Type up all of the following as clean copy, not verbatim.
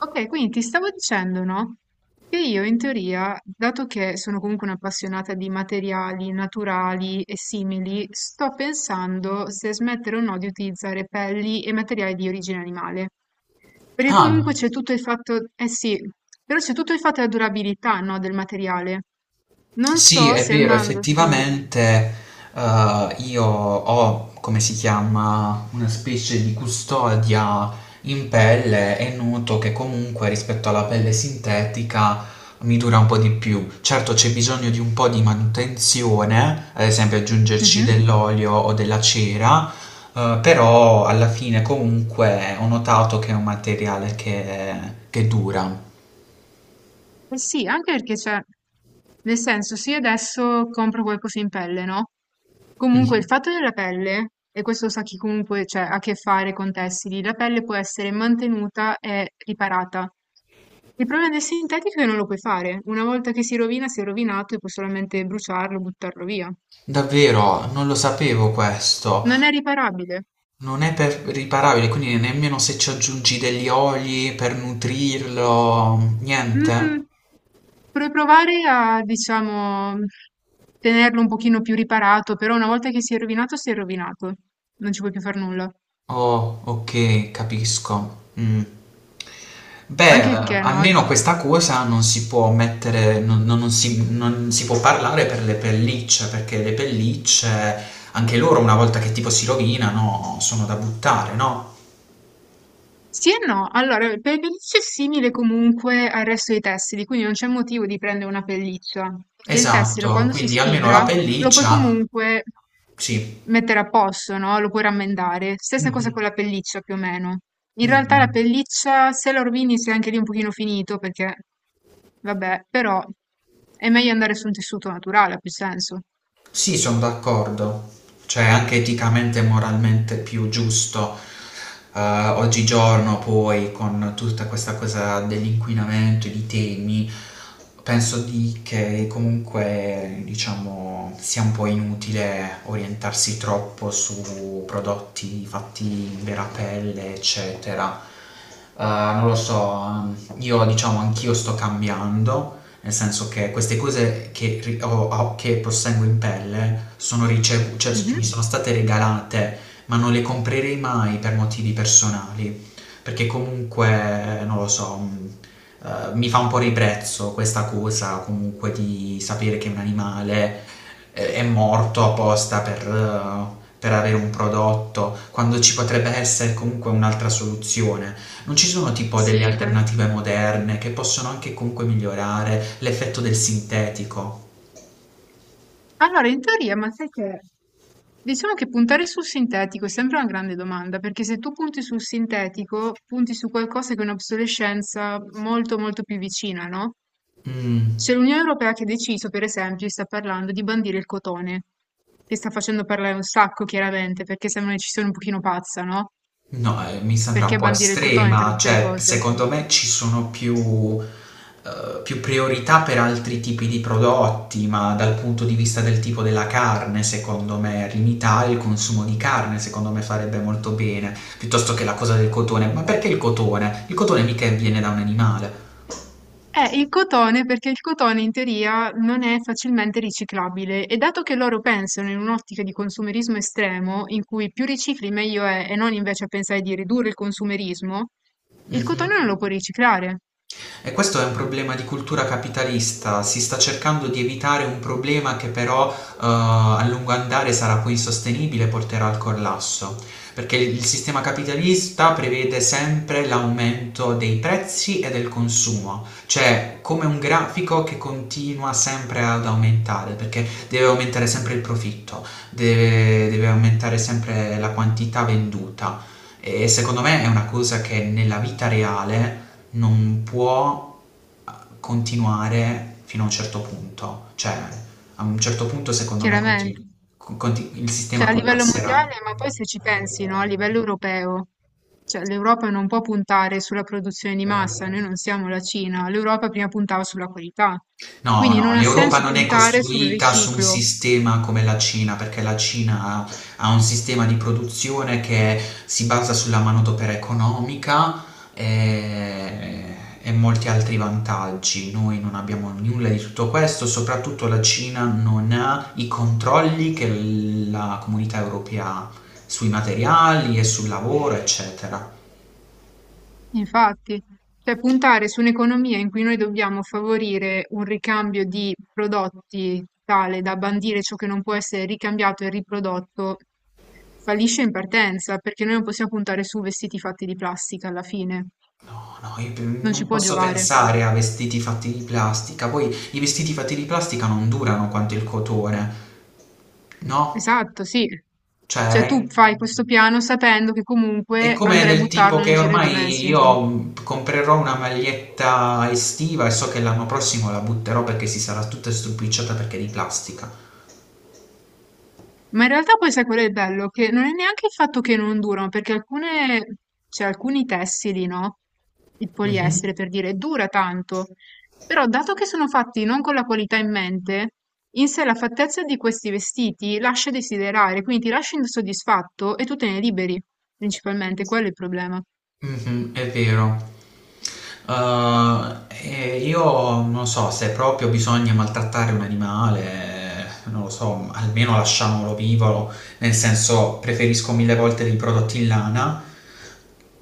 Ok, quindi ti stavo dicendo, no? Che io in teoria, dato che sono comunque un'appassionata di materiali naturali e simili, sto pensando se smettere o no di utilizzare pelli e materiali di origine animale. Perché comunque Ah, c'è tutto il fatto, eh sì, però c'è tutto il fatto della durabilità, no, del materiale. Non sì, so è se vero, andando su... effettivamente io ho, come si chiama, una specie di custodia in pelle e noto che comunque rispetto alla pelle sintetica mi dura un po' di più. Certo c'è bisogno di un po' di manutenzione, ad esempio aggiungerci Mhm. dell'olio o della cera, però alla fine comunque ho notato che è un materiale che dura. Eh sì, anche perché cioè, nel senso, se io adesso compro qualcosa in pelle, no? Comunque il Mhm. fatto della pelle, e questo sa chi comunque cioè, ha a che fare con tessili, la pelle può essere mantenuta e riparata. Il problema del sintetico è che non lo puoi fare. Una volta che si rovina, si è rovinato e puoi solamente bruciarlo, buttarlo via. Davvero, non lo sapevo questo. Non è riparabile. Non è per riparabile, quindi nemmeno se ci aggiungi degli oli per nutrirlo, Mh, niente? vorrei provare a, diciamo, tenerlo un pochino più riparato, però una volta che si è rovinato, si è rovinato. Non ci puoi più far nulla. Oh, ok, capisco. Mm. Beh, Anche perché no. almeno questa cosa non si può mettere, non si può parlare per le pellicce, perché le pellicce, anche loro una volta che tipo si rovinano, sono da buttare, no? Sì e no, allora il pelliccio è simile comunque al resto dei tessili, quindi non c'è motivo di prendere una pelliccia, perché il tessile Esatto, quando si quindi almeno la sfibra lo puoi pelliccia, comunque sì. mettere a posto, no? Lo puoi rammendare. Stessa cosa Mhm. con la pelliccia più o meno. In realtà la Mhm. pelliccia, se la rovini, sei anche lì un pochino finito, perché vabbè, però è meglio andare su un tessuto naturale, ha più senso. Sì, sono d'accordo. Cioè, anche eticamente e moralmente più giusto, oggigiorno poi con tutta questa cosa dell'inquinamento e di temi, penso di che comunque, diciamo, sia un po' inutile orientarsi troppo su prodotti fatti in vera pelle, eccetera. Non lo so, io diciamo anch'io sto cambiando nel senso che queste cose che, ri- ho- ho- che possengo in pelle cioè, Mhm. mi sono state regalate, ma non le comprerei mai per motivi personali, perché comunque, non lo so, mi fa un po' ribrezzo questa cosa comunque di sapere che un animale è morto apposta per avere un prodotto, quando ci potrebbe essere comunque un'altra soluzione. Non ci sono tipo delle Sì, quello. alternative moderne che possono anche comunque migliorare l'effetto del sintetico? Allora, in teoria, ma sai che diciamo che puntare sul sintetico è sempre una grande domanda, perché se tu punti sul sintetico, punti su qualcosa che è un'obsolescenza molto più vicina, no? Mm, C'è l'Unione Europea che ha deciso, per esempio, sta parlando di bandire il cotone, che sta facendo parlare un sacco, chiaramente, perché sembra una decisione un pochino pazza, no? no, mi sembra un Perché po' bandire il cotone tra estrema, tutte le cioè cose? secondo me ci sono più priorità per altri tipi di prodotti, ma dal punto di vista del tipo della carne, secondo me limitare il consumo di carne, secondo me farebbe molto bene, piuttosto che la cosa del cotone. Ma perché il cotone? Il cotone mica viene da un animale. Il cotone, perché il cotone in teoria non è facilmente riciclabile e dato che loro pensano in un'ottica di consumerismo estremo, in cui più ricicli meglio è e non invece a pensare di ridurre il consumerismo, il Mhm. cotone non lo puoi riciclare, E questo è un problema di cultura capitalista, si sta cercando di evitare un problema che però a lungo andare sarà poi insostenibile e porterà al collasso, perché il sistema capitalista prevede sempre l'aumento dei prezzi e del consumo, cioè come un grafico che continua sempre ad aumentare, perché deve aumentare sempre il profitto, deve aumentare sempre la quantità venduta. E secondo me è una cosa che nella vita reale non può eh, continuare fino a un certo punto, cioè a un certo punto secondo me chiaramente. Il sistema Cioè a livello collasserà. mondiale, ma poi se ci pensi, no, a livello europeo, cioè l'Europa non può puntare sulla produzione di massa, noi non siamo la Cina, l'Europa prima puntava sulla qualità. No, Quindi no, non ha l'Europa senso non è puntare sul costruita su un riciclo. sistema come la Cina, perché la Cina ha un sistema di produzione che si basa sulla manodopera economica e, e molti altri vantaggi. Noi non abbiamo nulla di tutto questo, soprattutto la Cina non ha i controlli che la comunità europea ha sui materiali e sul lavoro, eccetera. Infatti, cioè puntare su un'economia in cui noi dobbiamo favorire un ricambio di prodotti tale da bandire ciò che non può essere ricambiato e riprodotto, fallisce in partenza, perché noi non possiamo puntare su vestiti fatti di plastica alla fine, No, no, non non ci può posso giovare. pensare a vestiti fatti di plastica. Poi i vestiti fatti di plastica non durano quanto il cotone, no? Esatto, sì. Cioè Cioè, tu fai questo piano sapendo che è comunque come andrai a del tipo buttarlo nel che giro di due ormai mesi. io comprerò una maglietta estiva e so che l'anno prossimo la butterò perché si sarà tutta stropicciata perché è di plastica. Ma in realtà poi sai qual è il bello? Che non è neanche il fatto che non durano, perché alcune, cioè alcuni tessili, no? Il Mhm. poliestere, per dire, dura tanto. Però dato che sono fatti non con la qualità in mente, in sé la fattezza di questi vestiti lascia desiderare, quindi ti lascia insoddisfatto e tu te ne liberi, principalmente, quello è il problema. Mhm, è vero. E io non so se proprio bisogna maltrattare un animale, non lo so, almeno lasciamolo vivo, nel senso preferisco mille volte dei prodotti in lana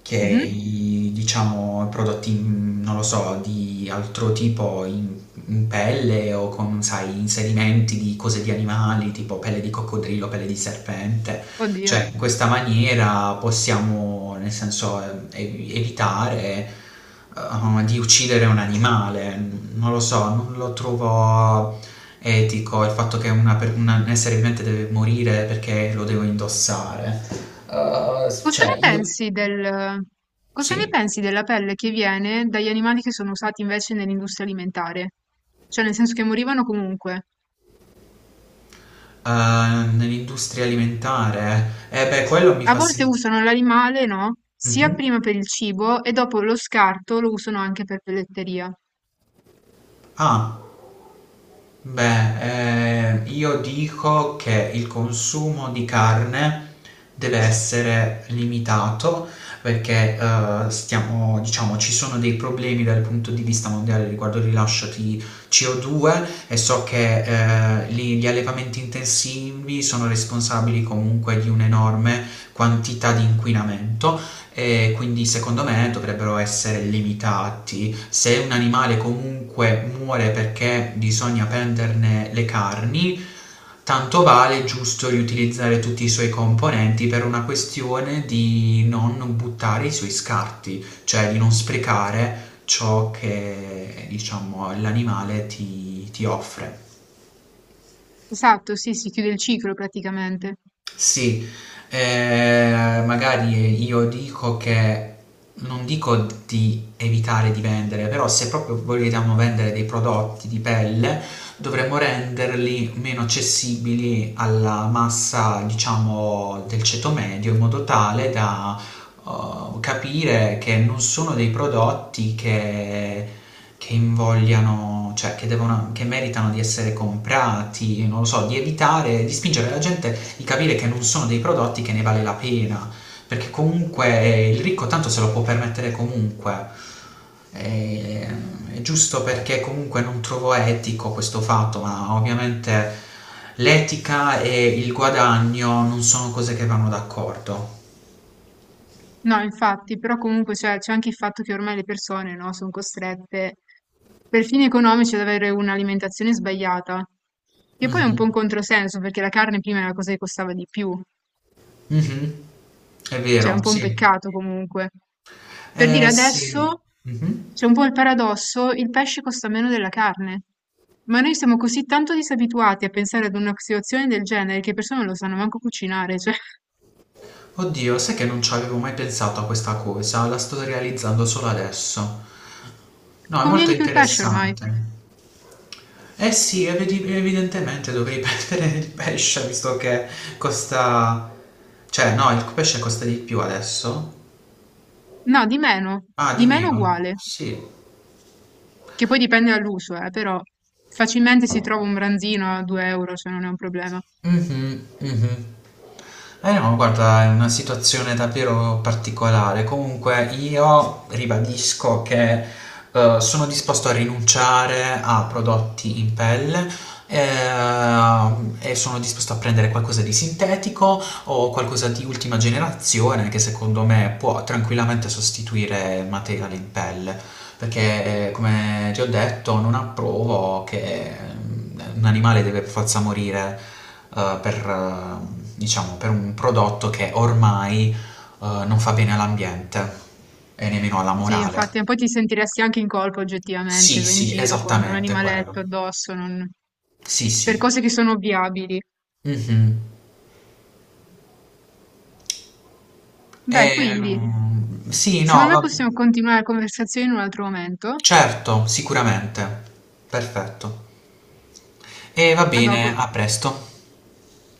che Mhm. i, diciamo prodotti, non lo so, di altro tipo in, pelle o con, sai, inserimenti di cose di animali, tipo pelle di coccodrillo, pelle di serpente. Oddio. Cioè, in questa maniera possiamo, nel senso, evitare di uccidere un animale. Non lo so, non lo trovo etico il fatto che un essere vivente deve morire perché lo devo indossare. Cosa ne Cioè, io pensi del- Cosa ne sì. pensi della pelle che viene dagli animali che sono usati invece nell'industria alimentare? Cioè, nel senso che morivano comunque. Nell'industria alimentare, eh beh, quello mi A fa volte sentire. usano l'animale, no? Sia prima per il cibo e dopo lo scarto lo usano anche per pelletteria. Ah. Beh, io dico che il consumo di carne deve essere limitato perché stiamo, diciamo, ci sono dei problemi dal punto di vista mondiale riguardo il rilascio di CO2 e so che gli allevamenti intensivi sono responsabili comunque di un'enorme quantità di inquinamento e quindi secondo me dovrebbero essere limitati quindi se un animale comunque muore perché bisogna prenderne le carni, tanto vale giusto riutilizzare tutti i suoi componenti per una questione di non buttare i suoi scarti, cioè di non sprecare ciò che diciamo l'animale ti offre. Esatto, sì, si chiude il ciclo praticamente. Sì, magari io dico che non dico di evitare di vendere, però se proprio vogliamo vendere dei prodotti di pelle, dovremmo renderli meno accessibili alla massa, diciamo, del ceto medio in modo tale da capire che non sono dei prodotti che invogliano, che meritano di essere comprati, non lo so, di evitare, di spingere la gente, di capire che non sono dei prodotti che ne vale la pena, perché comunque il ricco tanto se lo può permettere comunque. E, è giusto perché comunque non trovo etico questo fatto, ma ovviamente l'etica e il guadagno non sono cose che vanno d'accordo. No, infatti, però comunque cioè, c'è anche il fatto che ormai le persone, no, sono costrette per fini economici ad avere un'alimentazione sbagliata, che poi è un po' un Mhm. controsenso perché la carne prima era la cosa che costava di più, Mh-mh. È cioè è un vero, po' un sì. peccato comunque. Per dire Eh sì. adesso Mh-mh. c'è un po' il paradosso, il pesce costa meno della carne, ma noi siamo così tanto disabituati a pensare ad una situazione del genere che le persone non lo sanno manco cucinare, cioè Oddio, sai che non ci avevo mai pensato a questa cosa, la sto realizzando solo adesso. No, è conviene molto di più il pesce ormai. interessante. Eh sì, evidi evidentemente dovrei prendere il pesce visto che costa cioè no, il pesce costa di più adesso? No, Ah, di di meno meno. uguale. Sì. Che poi dipende dall'uso, però facilmente si trova un branzino a 2 euro, cioè non è un problema. Mhm, mhm. Eh no, guarda, è una situazione davvero particolare. Comunque io ribadisco che sono disposto a rinunciare a prodotti in pelle eh, e sono disposto a prendere qualcosa di sintetico o qualcosa di ultima generazione che secondo me può tranquillamente sostituire il materiale in pelle, perché come ti ho detto non approvo che un animale deve per forza morire per, diciamo, per un prodotto che ormai non fa bene all'ambiente e nemmeno alla Sì, morale. infatti, ma poi ti sentiresti anche in colpa oggettivamente, Sì, vai in sì, giro con un esattamente animaletto quello. addosso, non- Sì, per sì. cose che sono ovviabili. Mhm. Beh, quindi, Sì, no, secondo me va. possiamo continuare la conversazione in un altro momento. Certo, sicuramente. Perfetto. E va A dopo. bene, a presto.